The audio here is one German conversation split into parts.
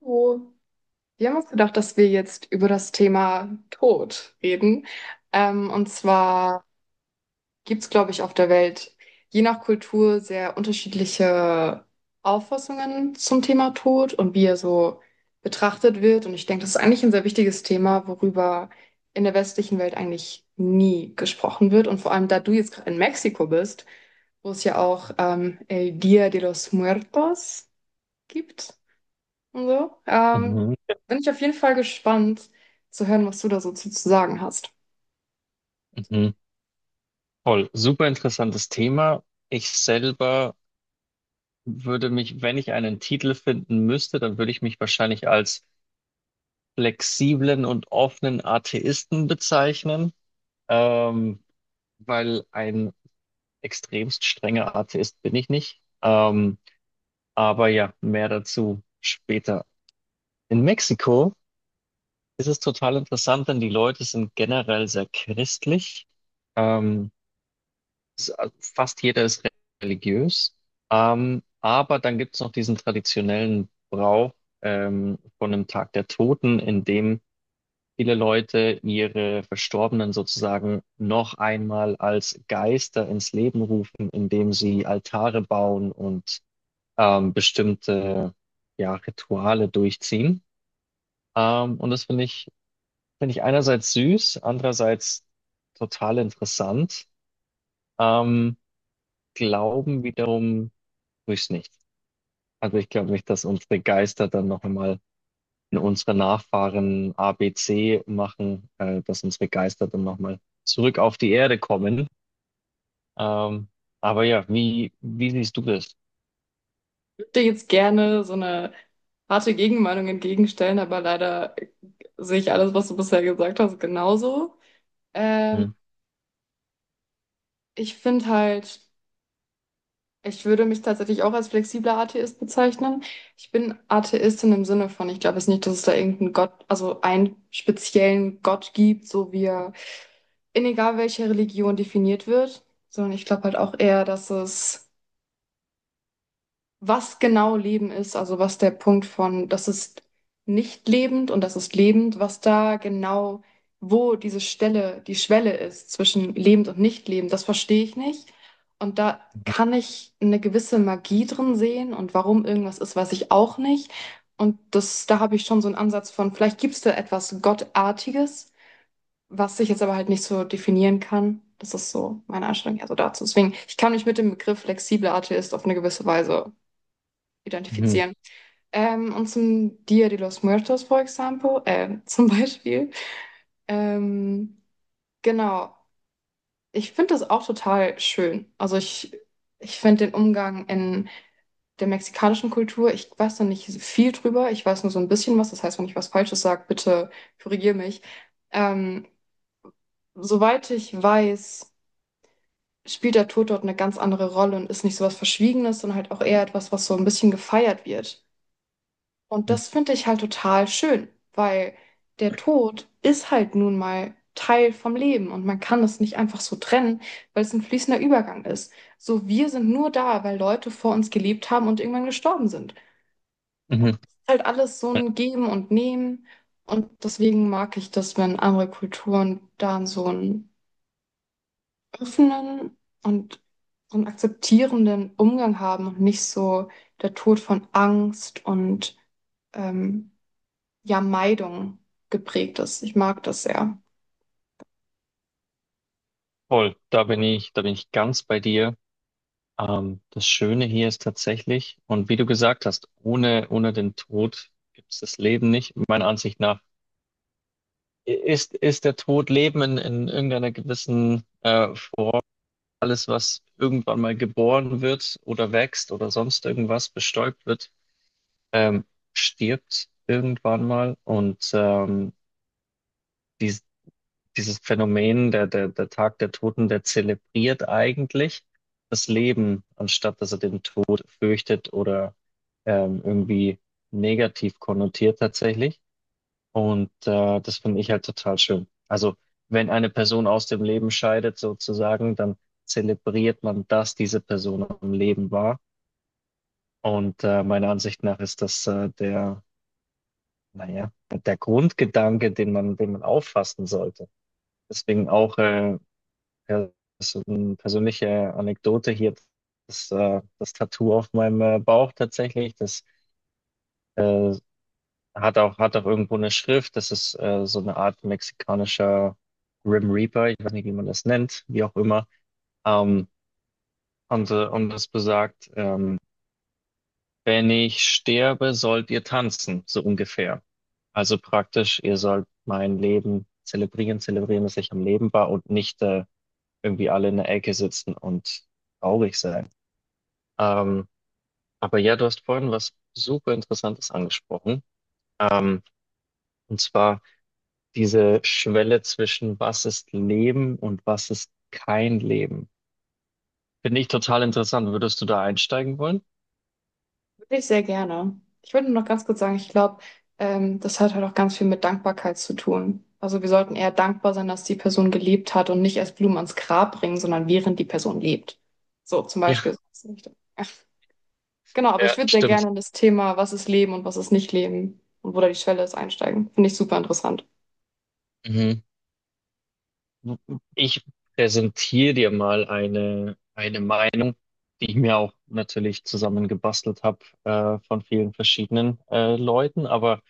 Oh, wir haben uns gedacht, dass wir jetzt über das Thema Tod reden. Und zwar gibt es, glaube ich, auf der Welt je nach Kultur sehr unterschiedliche Auffassungen zum Thema Tod und wie er so betrachtet wird. Und ich denke, das ist eigentlich ein sehr wichtiges Thema, worüber in der westlichen Welt eigentlich nie gesprochen wird. Und vor allem, da du jetzt gerade in Mexiko bist, wo es ja auch El Día de los Muertos gibt und so. Mhm, Bin ich auf jeden Fall gespannt zu hören, was du da so zu sagen hast. mhm. Toll, super interessantes Thema. Ich selber würde mich, wenn ich einen Titel finden müsste, dann würde ich mich wahrscheinlich als flexiblen und offenen Atheisten bezeichnen, ähm, weil ein extremst strenger Atheist bin ich nicht. Aber ja, mehr dazu später. In Mexiko ist es total interessant, denn die Leute sind generell sehr christlich. Ähm, s- Fast jeder ist religiös. Aber dann gibt es noch diesen traditionellen Brauch von einem Tag der Toten, in dem viele Leute ihre Verstorbenen sozusagen noch einmal als Geister ins Leben rufen, indem sie Altare bauen und bestimmte ja, Rituale durchziehen. Und das finde ich einerseits süß, andererseits total interessant. Ähm, Glauben wiederum Grüß nicht. Also ich glaube nicht, dass unsere Geister dann noch einmal in unsere Nachfahren ABC machen, dass unsere Geister dann noch mal zurück auf die Erde kommen. Ähm, aber ja, wie siehst du das? Ich würde dir jetzt gerne so eine harte Gegenmeinung entgegenstellen, aber leider sehe ich alles, was du bisher gesagt hast, genauso. Ähm, Hm. Ich finde halt, ich würde mich tatsächlich auch als flexibler Atheist bezeichnen. Ich bin Atheistin im Sinne von, ich glaube jetzt nicht, dass es da irgendeinen Gott, also einen speziellen Gott gibt, so wie er in egal welcher Religion definiert wird, sondern ich glaube halt auch eher, dass es was genau Leben ist, also was der Punkt von, das ist nicht lebend und das ist lebend, was da genau, wo diese Stelle, die Schwelle ist zwischen lebend und nicht lebend, das verstehe ich nicht. Und da kann ich eine gewisse Magie drin sehen und warum irgendwas ist, weiß ich auch nicht. Und das, da habe ich schon so einen Ansatz von, vielleicht gibt es da etwas Gottartiges, was ich jetzt aber halt nicht so definieren kann. Das ist so meine Einstellung eher so dazu. Deswegen, ich kann mich mit dem Begriff flexibler Atheist auf eine gewisse Weise Mhm. identifizieren. Und zum Dia de los Muertos, for example, zum Beispiel. Ähm, genau. Ich finde das auch total schön. Ich finde den Umgang in der mexikanischen Kultur, ich weiß noch nicht viel drüber, ich weiß nur so ein bisschen was. Das heißt, wenn ich was Falsches sage, bitte korrigier mich. Ähm, Soweit ich weiß, spielt der Tod dort eine ganz andere Rolle und ist nicht so was Verschwiegenes, sondern halt auch eher etwas, was so ein bisschen gefeiert wird. Und Mhm. das finde ich halt total schön, weil der Tod ist halt nun mal Teil vom Leben und man kann es nicht einfach so trennen, weil es ein fließender Übergang ist. So, wir sind nur da, weil Leute vor uns gelebt haben und irgendwann gestorben sind. Und es Mhm. ist halt alles so Ja, ein Geben und Nehmen. Und deswegen mag ich das, wenn andere Kulturen da so einen offenen und so einen akzeptierenden Umgang haben und nicht so der Tod von Angst und ähm, ja, Meidung geprägt ist. Ich mag das sehr. voll, da bin ich ganz bei dir. Das Schöne hier ist tatsächlich, und wie du gesagt hast, ohne den Tod gibt es das Leben nicht. Meiner Ansicht nach ist der Tod Leben in irgendeiner gewissen alles, was irgendwann mal geboren wird oder wächst oder sonst irgendwas bestäubt wird, ähm, stirbt irgendwann mal. Und dies, dieses Phänomen, der Tag der Toten, der zelebriert eigentlich das Leben, anstatt dass er den Tod fürchtet oder irgendwie negativ konnotiert tatsächlich. Und das finde ich halt total schön. Also wenn eine Person aus dem Leben scheidet, sozusagen, dann zelebriert man, dass diese Person am Leben war. Und meiner Ansicht nach ist das naja, der Grundgedanke, den man auffassen sollte. Deswegen auch pers persönliche Anekdote hier, das Tattoo auf meinem Bauch tatsächlich, das äh, hat auch, hat auch irgendwo eine Schrift. Das ist so eine Art mexikanischer Grim Reaper. Ich weiß nicht, wie man das nennt, wie auch immer. Ähm, und, und das besagt, wenn ich sterbe, sollt ihr tanzen, so ungefähr. Also praktisch, ihr sollt mein Leben zelebrieren, zelebrieren, dass ich am Leben war und nicht irgendwie alle in der Ecke sitzen und traurig sein. Ähm, aber ja, du hast vorhin was super Interessantes angesprochen. Ähm, und zwar diese Schwelle zwischen was ist Leben und was ist kein Leben. Finde ich total interessant. Würdest du da einsteigen wollen? Wirklich sehr gerne. Ich würde nur noch ganz kurz sagen, ich glaube, das hat halt auch ganz viel mit Dankbarkeit zu tun. Also wir sollten eher dankbar sein, dass die Person gelebt hat und nicht erst Blumen ans Grab bringen, sondern während die Person lebt. So zum Ja, Beispiel, so in die Richtung. Ja, genau, aber ich ja, würde sehr stimmt. gerne in das Thema, was ist Leben und was ist nicht Leben und wo da die Schwelle ist, einsteigen. Finde ich super interessant. Mhm. Ich präsentiere dir mal eine Meinung, die ich mir auch natürlich zusammengebastelt habe, von vielen verschiedenen, Leuten, aber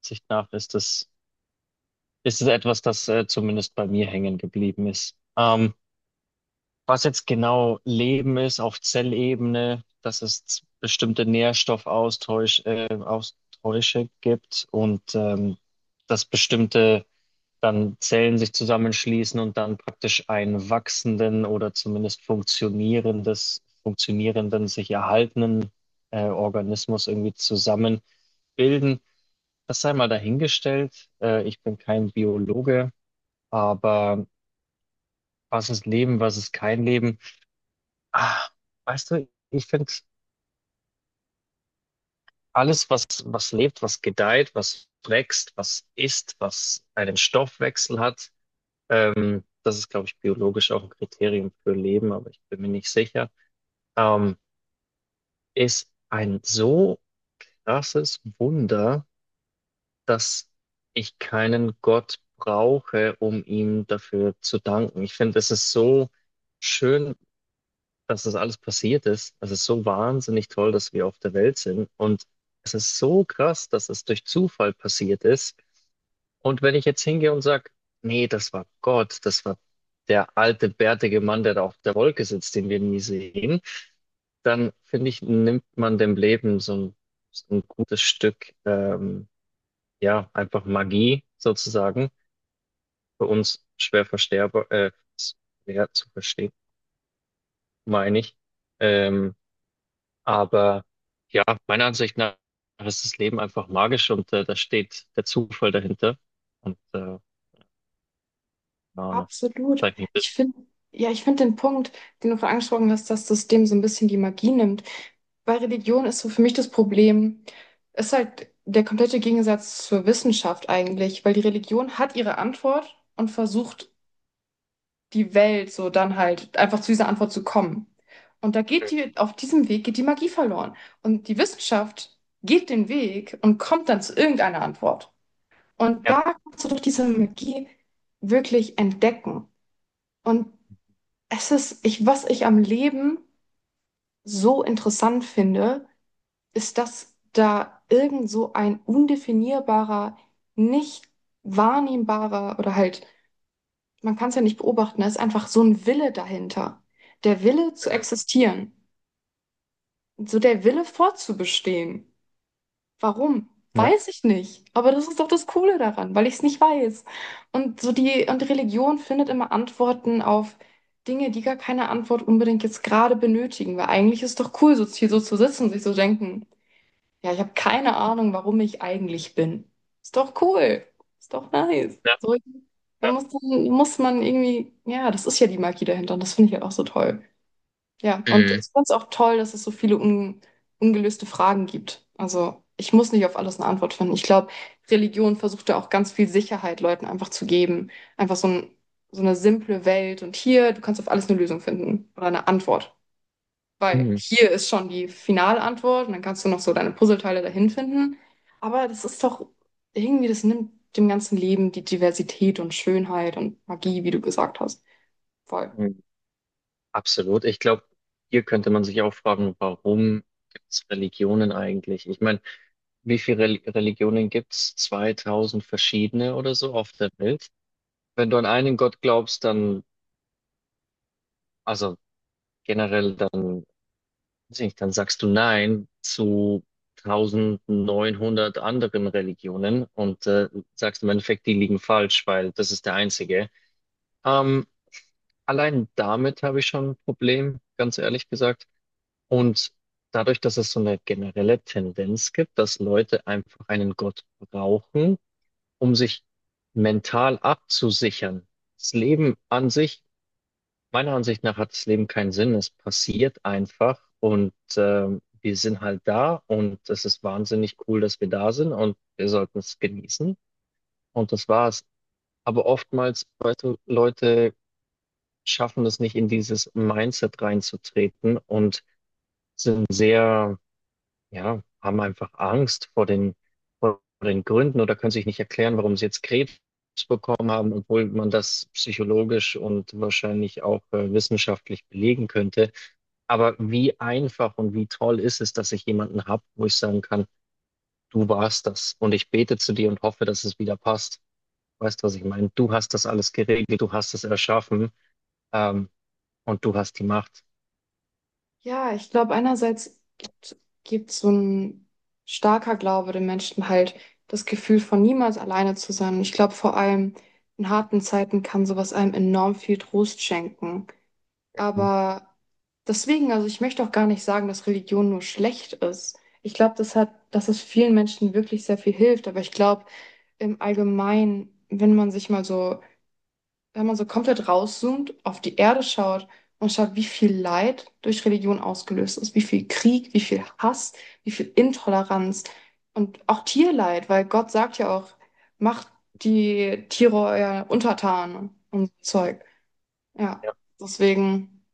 Sicht nach ist es etwas, zumindest bei mir hängen geblieben ist. Was jetzt genau Leben ist auf Zellebene, dass es bestimmte Nährstoffaustausche Austausche gibt und dass bestimmte dann Zellen sich zusammenschließen und dann praktisch einen wachsenden oder zumindest funktionierenden, sich erhaltenen Organismus irgendwie zusammenbilden. Das sei mal dahingestellt. Ich bin kein Biologe, aber was ist Leben, was ist kein Leben? Ah, Weißt du, ich finde alles, was lebt, was gedeiht, was wächst, was isst, was einen Stoffwechsel hat, das ist, glaube ich, biologisch auch ein Kriterium für Leben, aber ich bin mir nicht sicher, ähm, ist ein so krasses Wunder, dass ich keinen Gott brauche, um ihm dafür zu danken. Ich finde, es ist so schön, dass das alles passiert ist. Das ist so wahnsinnig toll, dass wir auf der Welt sind. Und es ist so krass, dass es durch Zufall passiert ist. Und wenn ich jetzt hingehe und sage, nee, das war Gott, das war der alte, bärtige Mann, der da auf der Wolke sitzt, den wir nie sehen, dann finde ich, nimmt man dem Leben so ein gutes Stück, ja, einfach Magie sozusagen, für uns schwer versterber, ja, zu verstehen, meine ich. Ähm, Aber ja, meiner Ansicht nach ist das Leben einfach magisch und da steht der Zufall dahinter. Und keine Ahnung, Absolut. zeigt mich ein Ich bisschen. finde, ja, ich finde den Punkt, den du vorhin angesprochen hast, dass das dem so ein bisschen die Magie nimmt. Bei Religion ist so für mich das Problem, ist halt der komplette Gegensatz zur Wissenschaft eigentlich, weil die Religion hat ihre Antwort und versucht, die Welt so dann halt einfach zu dieser Antwort zu kommen. Und da geht Mhm. die, auf diesem Weg geht die Magie verloren. Und die Wissenschaft geht den Weg und kommt dann zu irgendeiner Antwort. Und Ja, da kannst du durch diese Magie wirklich entdecken. Und es ist, ich, was ich am Leben so interessant finde, ist, dass da irgend so ein undefinierbarer, nicht wahrnehmbarer oder halt, man kann es ja nicht beobachten, da ist einfach so ein Wille dahinter. Der Wille zu mhm. existieren, so der Wille fortzubestehen. Warum? Ja, Weiß ich nicht. Aber das ist doch das Coole daran, weil ich es nicht weiß. Und so die, und die Religion findet immer Antworten auf Dinge, die gar keine Antwort unbedingt jetzt gerade benötigen. Weil eigentlich ist doch cool, so hier so zu sitzen und sich so denken, ja, ich habe keine Ahnung, warum ich eigentlich bin. Ist doch cool. Ist doch nice. ja, So, da ja. Muss man irgendwie, ja, das ist ja die Magie dahinter und das finde ich halt auch so toll. Ja, und Mhm. ich fand es auch toll, dass es so viele un ungelöste Fragen gibt. Also ich muss nicht auf alles eine Antwort finden. Ich glaube, Religion versucht da auch ganz viel Sicherheit Leuten einfach zu geben. Einfach so ein, so eine simple Welt. Und hier, du kannst auf alles eine Lösung finden oder eine Antwort. Weil Mhm. hier ist schon die finale Antwort und dann kannst du noch so deine Puzzleteile dahin finden. Aber das ist doch irgendwie, das nimmt dem ganzen Leben die Diversität und Schönheit und Magie, wie du gesagt hast. Voll. Mhm. Absolut. Ich glaube, hier könnte man sich auch fragen, warum gibt es Religionen eigentlich? Ich meine, wie viele Religionen gibt's? 2000 verschiedene oder so auf der Welt. Wenn du an einen Gott glaubst, also generell, dann deswegen, dann sagst du Nein zu 1900 anderen Religionen und sagst im Endeffekt, die liegen falsch, weil das ist der einzige. Ähm, Allein damit habe ich schon ein Problem, ganz ehrlich gesagt. Und dadurch, dass es so eine generelle Tendenz gibt, dass Leute einfach einen Gott brauchen, um sich mental abzusichern. Das Leben an sich meiner Ansicht nach hat das Leben keinen Sinn. Es passiert einfach und wir sind halt da und es ist wahnsinnig cool, dass wir da sind und wir sollten es genießen und das war's. Aber oftmals, weißt du, Leute schaffen es nicht in dieses Mindset reinzutreten und sind sehr, ja, haben einfach Angst vor vor den Gründen oder können sich nicht erklären, warum sie jetzt Krebs bekommen haben, obwohl man das psychologisch und wahrscheinlich auch wissenschaftlich belegen könnte. Aber wie einfach und wie toll ist es, dass ich jemanden habe, wo ich sagen kann, du warst das und ich bete zu dir und hoffe, dass es wieder passt. Weißt du, was ich meine? Du hast das alles geregelt, du hast es erschaffen, ähm, und du hast die Macht. Ja, ich glaube, gibt so ein starker Glaube den Menschen halt das Gefühl von niemals alleine zu sein. Und ich glaube, vor allem in harten Zeiten kann sowas einem enorm viel Trost schenken. Mhm. Aber deswegen, also ich möchte auch gar nicht sagen, dass Religion nur schlecht ist. Ich glaube, das hat, dass es vielen Menschen wirklich sehr viel hilft. Aber ich glaube, im Allgemeinen, wenn man sich mal so wenn man so komplett rauszoomt, auf die Erde schaut und schaut, wie viel Leid durch Religion ausgelöst ist, wie viel Krieg, wie viel Hass, wie viel Intoleranz und auch Tierleid, weil Gott sagt ja auch, macht die Tiere euer Untertan und so Zeug. Ja, Ja, deswegen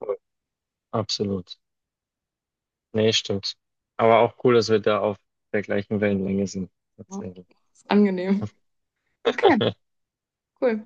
voll. Absolut. Nee, stimmt. Aber auch cool, dass wir da auf der gleichen Wellenlänge sind. ja, Tatsächlich. ist angenehm. Okay, cool.